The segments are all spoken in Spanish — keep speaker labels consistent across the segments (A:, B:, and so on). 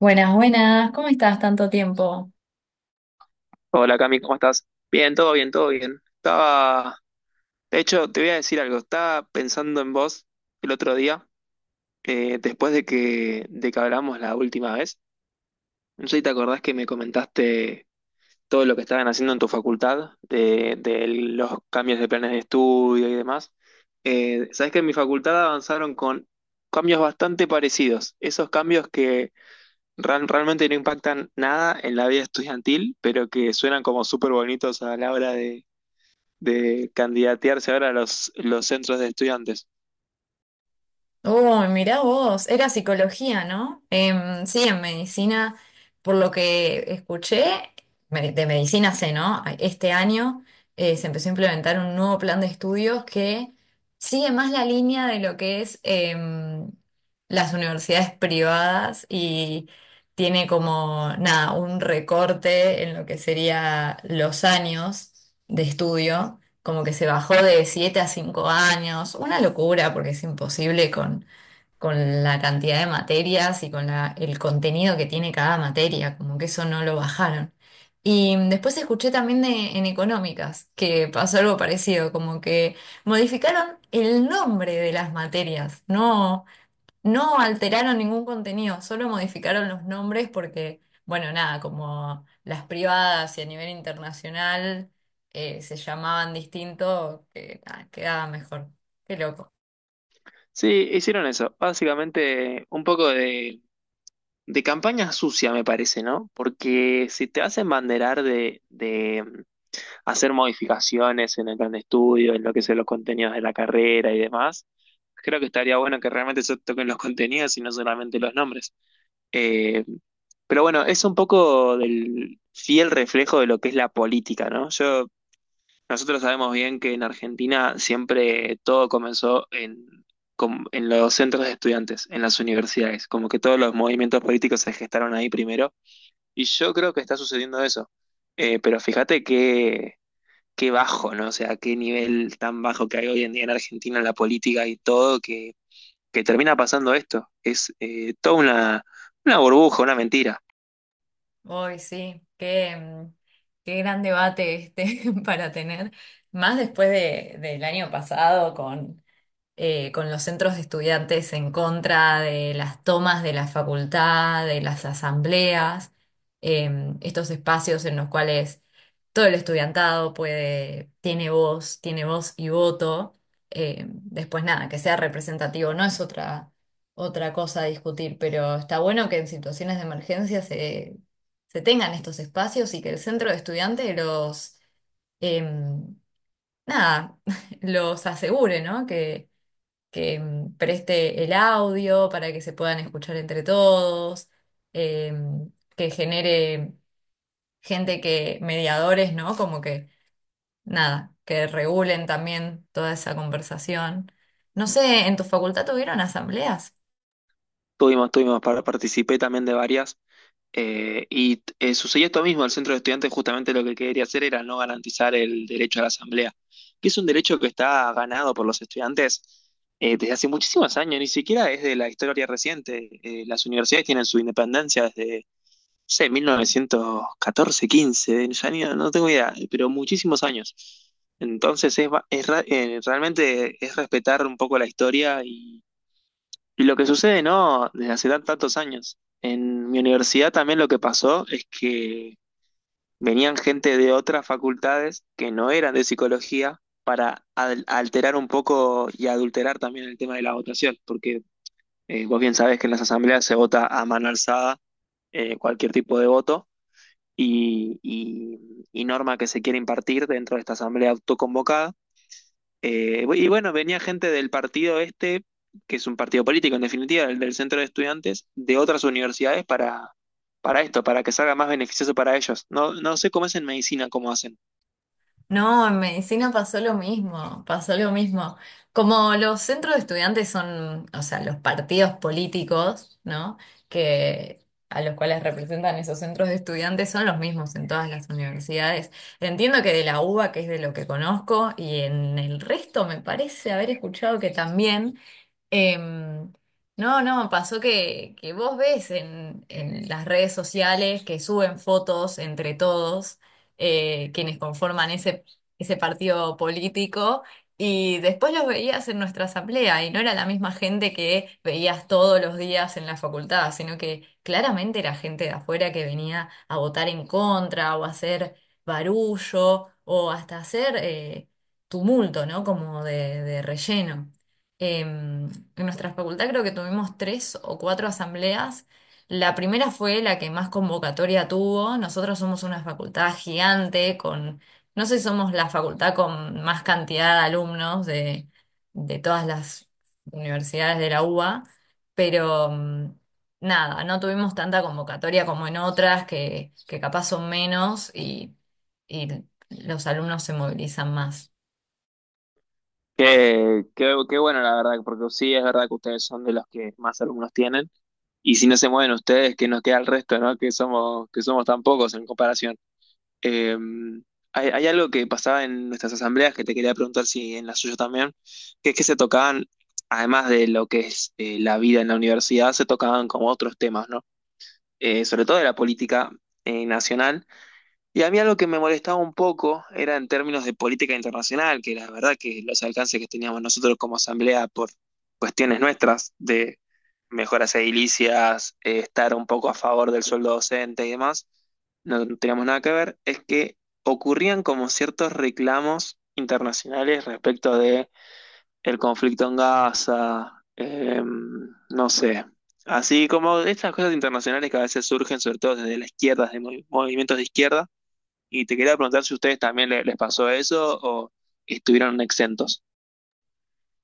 A: Buenas, buenas, ¿cómo estás? Tanto tiempo.
B: Hola Cami, ¿cómo estás? Bien, todo bien, todo bien. Estaba, de hecho, te voy a decir algo, estaba pensando en vos el otro día, después de que hablamos la última vez. No sé si te acordás que me comentaste todo lo que estaban haciendo en tu facultad, de los cambios de planes de estudio y demás. Sabés que en mi facultad avanzaron con cambios bastante parecidos, esos cambios que realmente no impactan nada en la vida estudiantil, pero que suenan como súper bonitos a la hora de candidatearse ahora a los centros de estudiantes.
A: Oh, mirá vos, era psicología, ¿no? Sí, en medicina, por lo que escuché, de medicina sé, ¿no? Este año se empezó a implementar un nuevo plan de estudios que sigue más la línea de lo que es em, las universidades privadas y tiene como, nada, un recorte en lo que sería los años de estudio. Como que se bajó de 7 a 5 años, una locura porque es imposible con la cantidad de materias y con el contenido que tiene cada materia, como que eso no lo bajaron. Y después escuché también de, en económicas que pasó algo parecido, como que modificaron el nombre de las materias, no, no alteraron ningún contenido, solo modificaron los nombres porque, bueno, nada, como las privadas y a nivel internacional se llamaban distinto, que, nada, quedaba mejor. Qué loco.
B: Sí, hicieron eso. Básicamente un poco de campaña sucia, me parece, ¿no? Porque si te hacen banderar de hacer modificaciones en el plan de estudio, en lo que son los contenidos de la carrera y demás, creo que estaría bueno que realmente se toquen los contenidos y no solamente los nombres. Eh, pero bueno, es un poco del fiel reflejo de lo que es la política, ¿no? Yo Nosotros sabemos bien que en Argentina siempre todo comenzó en en los centros de estudiantes, en las universidades, como que todos los movimientos políticos se gestaron ahí primero, y yo creo que está sucediendo eso. Pero fíjate qué bajo, ¿no? O sea, qué nivel tan bajo que hay hoy en día en Argentina en la política y todo, que termina pasando esto. Es toda una burbuja, una mentira.
A: Hoy sí, qué, qué gran debate este para tener, más después de, del año pasado con los centros de estudiantes en contra de las tomas de la facultad, de las asambleas, eh, estos espacios en los cuales todo el estudiantado puede, tiene voz y voto. Después nada, que sea representativo no es otra, otra cosa a discutir, pero está bueno que en situaciones de emergencia se tengan estos espacios y que el centro de estudiantes los... em, Nada, los asegure, ¿no? Que preste el audio para que se puedan escuchar entre todos, eh, que genere gente que, mediadores, ¿no? Como que, nada, que regulen también toda esa conversación. No sé, ¿en tu facultad tuvieron asambleas?
B: Tuvimos, tuvimos, participé también de varias. Sucedió esto mismo, el centro de estudiantes justamente lo que quería hacer era no garantizar el derecho a la asamblea, que es un derecho que está ganado por los estudiantes desde hace muchísimos años, ni siquiera es de la historia reciente. Las universidades tienen su independencia desde, no sé, 1914, 15, ya no tengo idea, pero muchísimos años. Entonces es, ba- es ra- realmente es respetar un poco la historia y lo que sucede, ¿no? Desde hace tantos años. En mi universidad también lo que pasó es que venían gente de otras facultades que no eran de psicología para alterar un poco y adulterar también el tema de la votación, porque vos bien sabés que en las asambleas se vota a mano alzada, cualquier tipo de voto y, y y norma que se quiere impartir dentro de esta asamblea autoconvocada. Y bueno, venía gente del partido este, que es un partido político en definitiva, el del centro de estudiantes, de otras universidades para esto, para que salga más beneficioso para ellos. No, no sé cómo es en medicina, cómo hacen.
A: No, en medicina pasó lo mismo, pasó lo mismo. Como los centros de estudiantes son, o sea, los partidos políticos, ¿no? Que a los cuales representan esos centros de estudiantes son los mismos en todas las universidades. Entiendo que de la UBA, que es de lo que conozco, y en el resto me parece haber escuchado que también. Em, no, no, pasó que vos ves en las redes sociales que suben fotos entre todos quienes conforman ese, ese partido político y después los veías en nuestra asamblea y no era la misma gente que veías todos los días en la facultad, sino que claramente era gente de afuera que venía a votar en contra o a hacer barullo o hasta hacer tumulto, ¿no? Como de relleno. Em, en nuestra facultad creo que tuvimos tres o cuatro asambleas. La primera fue la que más convocatoria tuvo. Nosotros somos una facultad gigante con, no sé, si somos la facultad con más cantidad de alumnos de todas las universidades de la UBA, pero nada, no tuvimos tanta convocatoria como en otras que capaz son menos y los alumnos se movilizan más.
B: Qué bueno, la verdad, porque sí es verdad que ustedes son de los que más alumnos tienen. Y si no se mueven ustedes, que nos queda el resto, ¿no? Que somos tan pocos en comparación. Eh, hay algo que pasaba en nuestras asambleas que te quería preguntar si en la suya también, que es que se tocaban, además de lo que es la vida en la universidad, se tocaban como otros temas, ¿no? Sobre todo de la política nacional. Y a mí algo que me molestaba un poco era en términos de política internacional, que la verdad que los alcances que teníamos nosotros como asamblea por cuestiones nuestras de mejoras edilicias, estar un poco a favor del sueldo docente y demás, no teníamos nada que ver, es que ocurrían como ciertos reclamos internacionales respecto de el conflicto en Gaza, no sé, así como estas cosas internacionales que a veces surgen sobre todo desde la izquierda, de movimientos de izquierda, y te quería preguntar si a ustedes también les pasó eso o estuvieron exentos.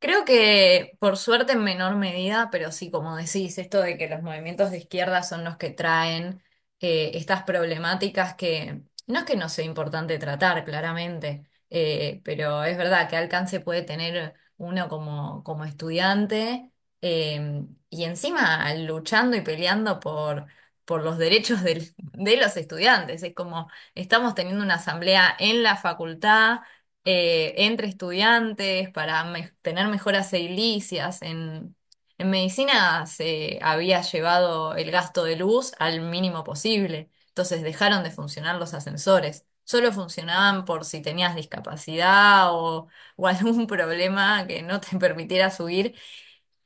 A: Creo que por suerte en menor medida, pero sí, como decís, esto de que los movimientos de izquierda son los que traen estas problemáticas que no es que no sea importante tratar, claramente, pero es verdad que alcance puede tener uno como, como estudiante y encima luchando y peleando por los derechos de los estudiantes. Es como estamos teniendo una asamblea en la facultad entre estudiantes para tener mejoras edilicias. En medicina se había llevado el gasto de luz al mínimo posible, entonces dejaron de funcionar los ascensores. Solo funcionaban por si tenías discapacidad o algún problema que no te permitiera subir.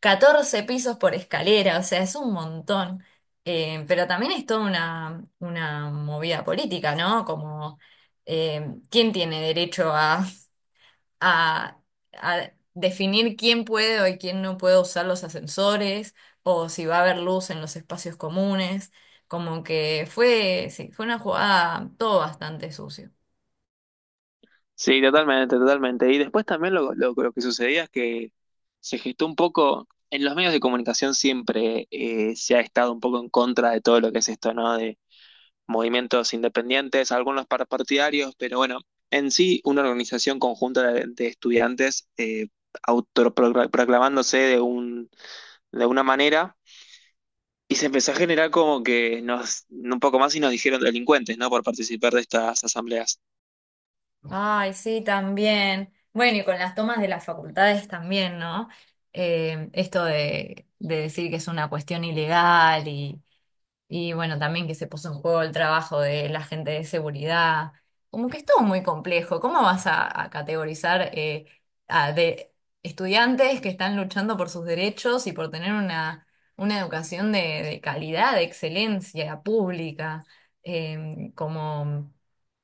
A: Catorce pisos por escalera, o sea, es un montón. Pero también es toda una movida política, ¿no? Como ¿quién tiene derecho a, a definir quién puede o quién no puede usar los ascensores o si va a haber luz en los espacios comunes? Como que fue, sí, fue una jugada todo bastante sucio.
B: Sí, totalmente, totalmente. Y después también lo que sucedía es que se gestó un poco, en los medios de comunicación siempre se ha estado un poco en contra de todo lo que es esto, ¿no? De movimientos independientes, algunos partidarios, pero bueno, en sí una organización conjunta de estudiantes, autoproclamándose de una manera. Y se empezó a generar como que nos, un poco más y nos dijeron delincuentes, ¿no? Por participar de estas asambleas.
A: Ay, sí, también. Bueno, y con las tomas de las facultades también, ¿no? Esto de decir que es una cuestión ilegal. Y bueno, también que se puso en juego el trabajo de la gente de seguridad. Como que es todo muy complejo. ¿Cómo vas a categorizar de estudiantes que están luchando por sus derechos y por tener una educación de calidad, de excelencia pública, como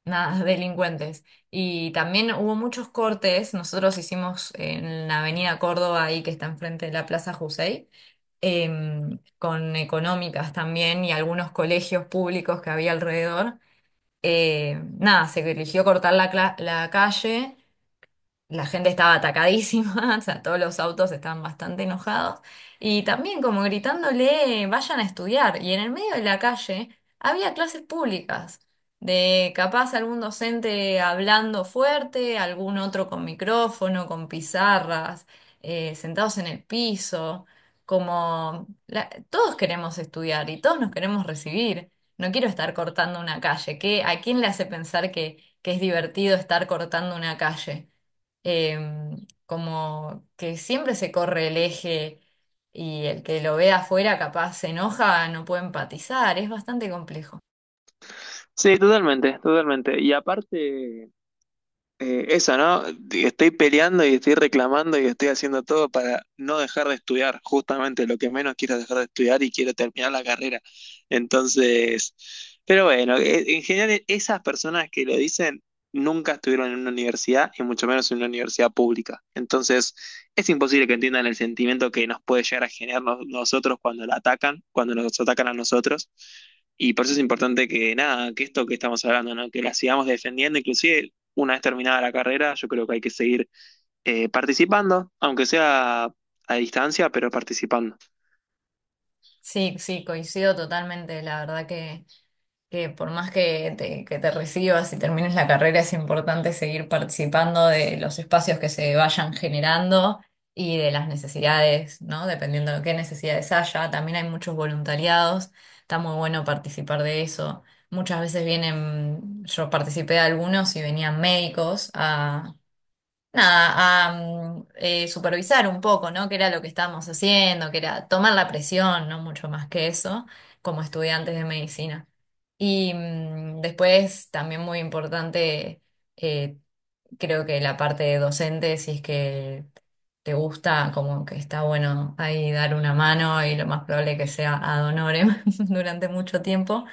A: nada, delincuentes? Y también hubo muchos cortes. Nosotros hicimos en la Avenida Córdoba, ahí que está enfrente de la Plaza Jusey con económicas también y algunos colegios públicos que había alrededor. Nada, se eligió cortar la, la calle. La gente estaba atacadísima, o sea, todos los autos estaban bastante enojados y también como gritándole, vayan a estudiar. Y en el medio de la calle había clases públicas, de capaz algún docente hablando fuerte, algún otro con micrófono, con pizarras, sentados en el piso, como todos queremos estudiar y todos nos queremos recibir. No quiero estar cortando una calle, ¿qué? ¿A quién le hace pensar que es divertido estar cortando una calle? Em, como que siempre se corre el eje y el que lo ve afuera capaz se enoja, no puede empatizar, es bastante complejo.
B: Sí, totalmente, totalmente. Y aparte, eso, ¿no? Estoy peleando y estoy reclamando y estoy haciendo todo para no dejar de estudiar, justamente lo que menos quiero es dejar de estudiar y quiero terminar la carrera. Entonces, pero bueno, en general esas personas que lo dicen nunca estuvieron en una universidad y mucho menos en una universidad pública. Entonces, es imposible que entiendan el sentimiento que nos puede llegar a generar nosotros cuando la atacan, cuando nos atacan a nosotros. Y por eso es importante que nada, que esto que estamos hablando, ¿no? Que la sigamos defendiendo, inclusive una vez terminada la carrera, yo creo que hay que seguir participando, aunque sea a distancia, pero participando.
A: Sí, sí, coincido totalmente, la verdad que... Que por más que te recibas y termines la carrera, es importante seguir participando de los espacios que se vayan generando y de las necesidades, ¿no? Dependiendo de qué necesidades haya. También hay muchos voluntariados, está muy bueno participar de eso. Muchas veces vienen, yo participé de algunos y venían médicos a nada, a supervisar un poco, ¿no? Qué era lo que estábamos haciendo, que era tomar la presión, no mucho más que eso, como estudiantes de medicina. Y después, también muy importante, eh, creo que la parte de docente, si es que te gusta, como que está bueno ahí dar una mano y lo más probable que sea ad honorem durante mucho tiempo,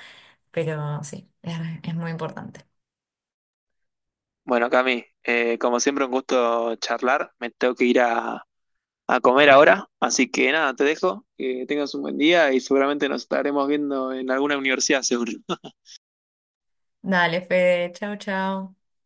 A: pero sí, es muy importante.
B: Bueno, Cami, como siempre un gusto charlar, me tengo que ir a comer ahora, así que nada, te dejo, que tengas un buen día y seguramente nos estaremos viendo en alguna universidad, seguro.
A: Dale, Fede, chau, chau.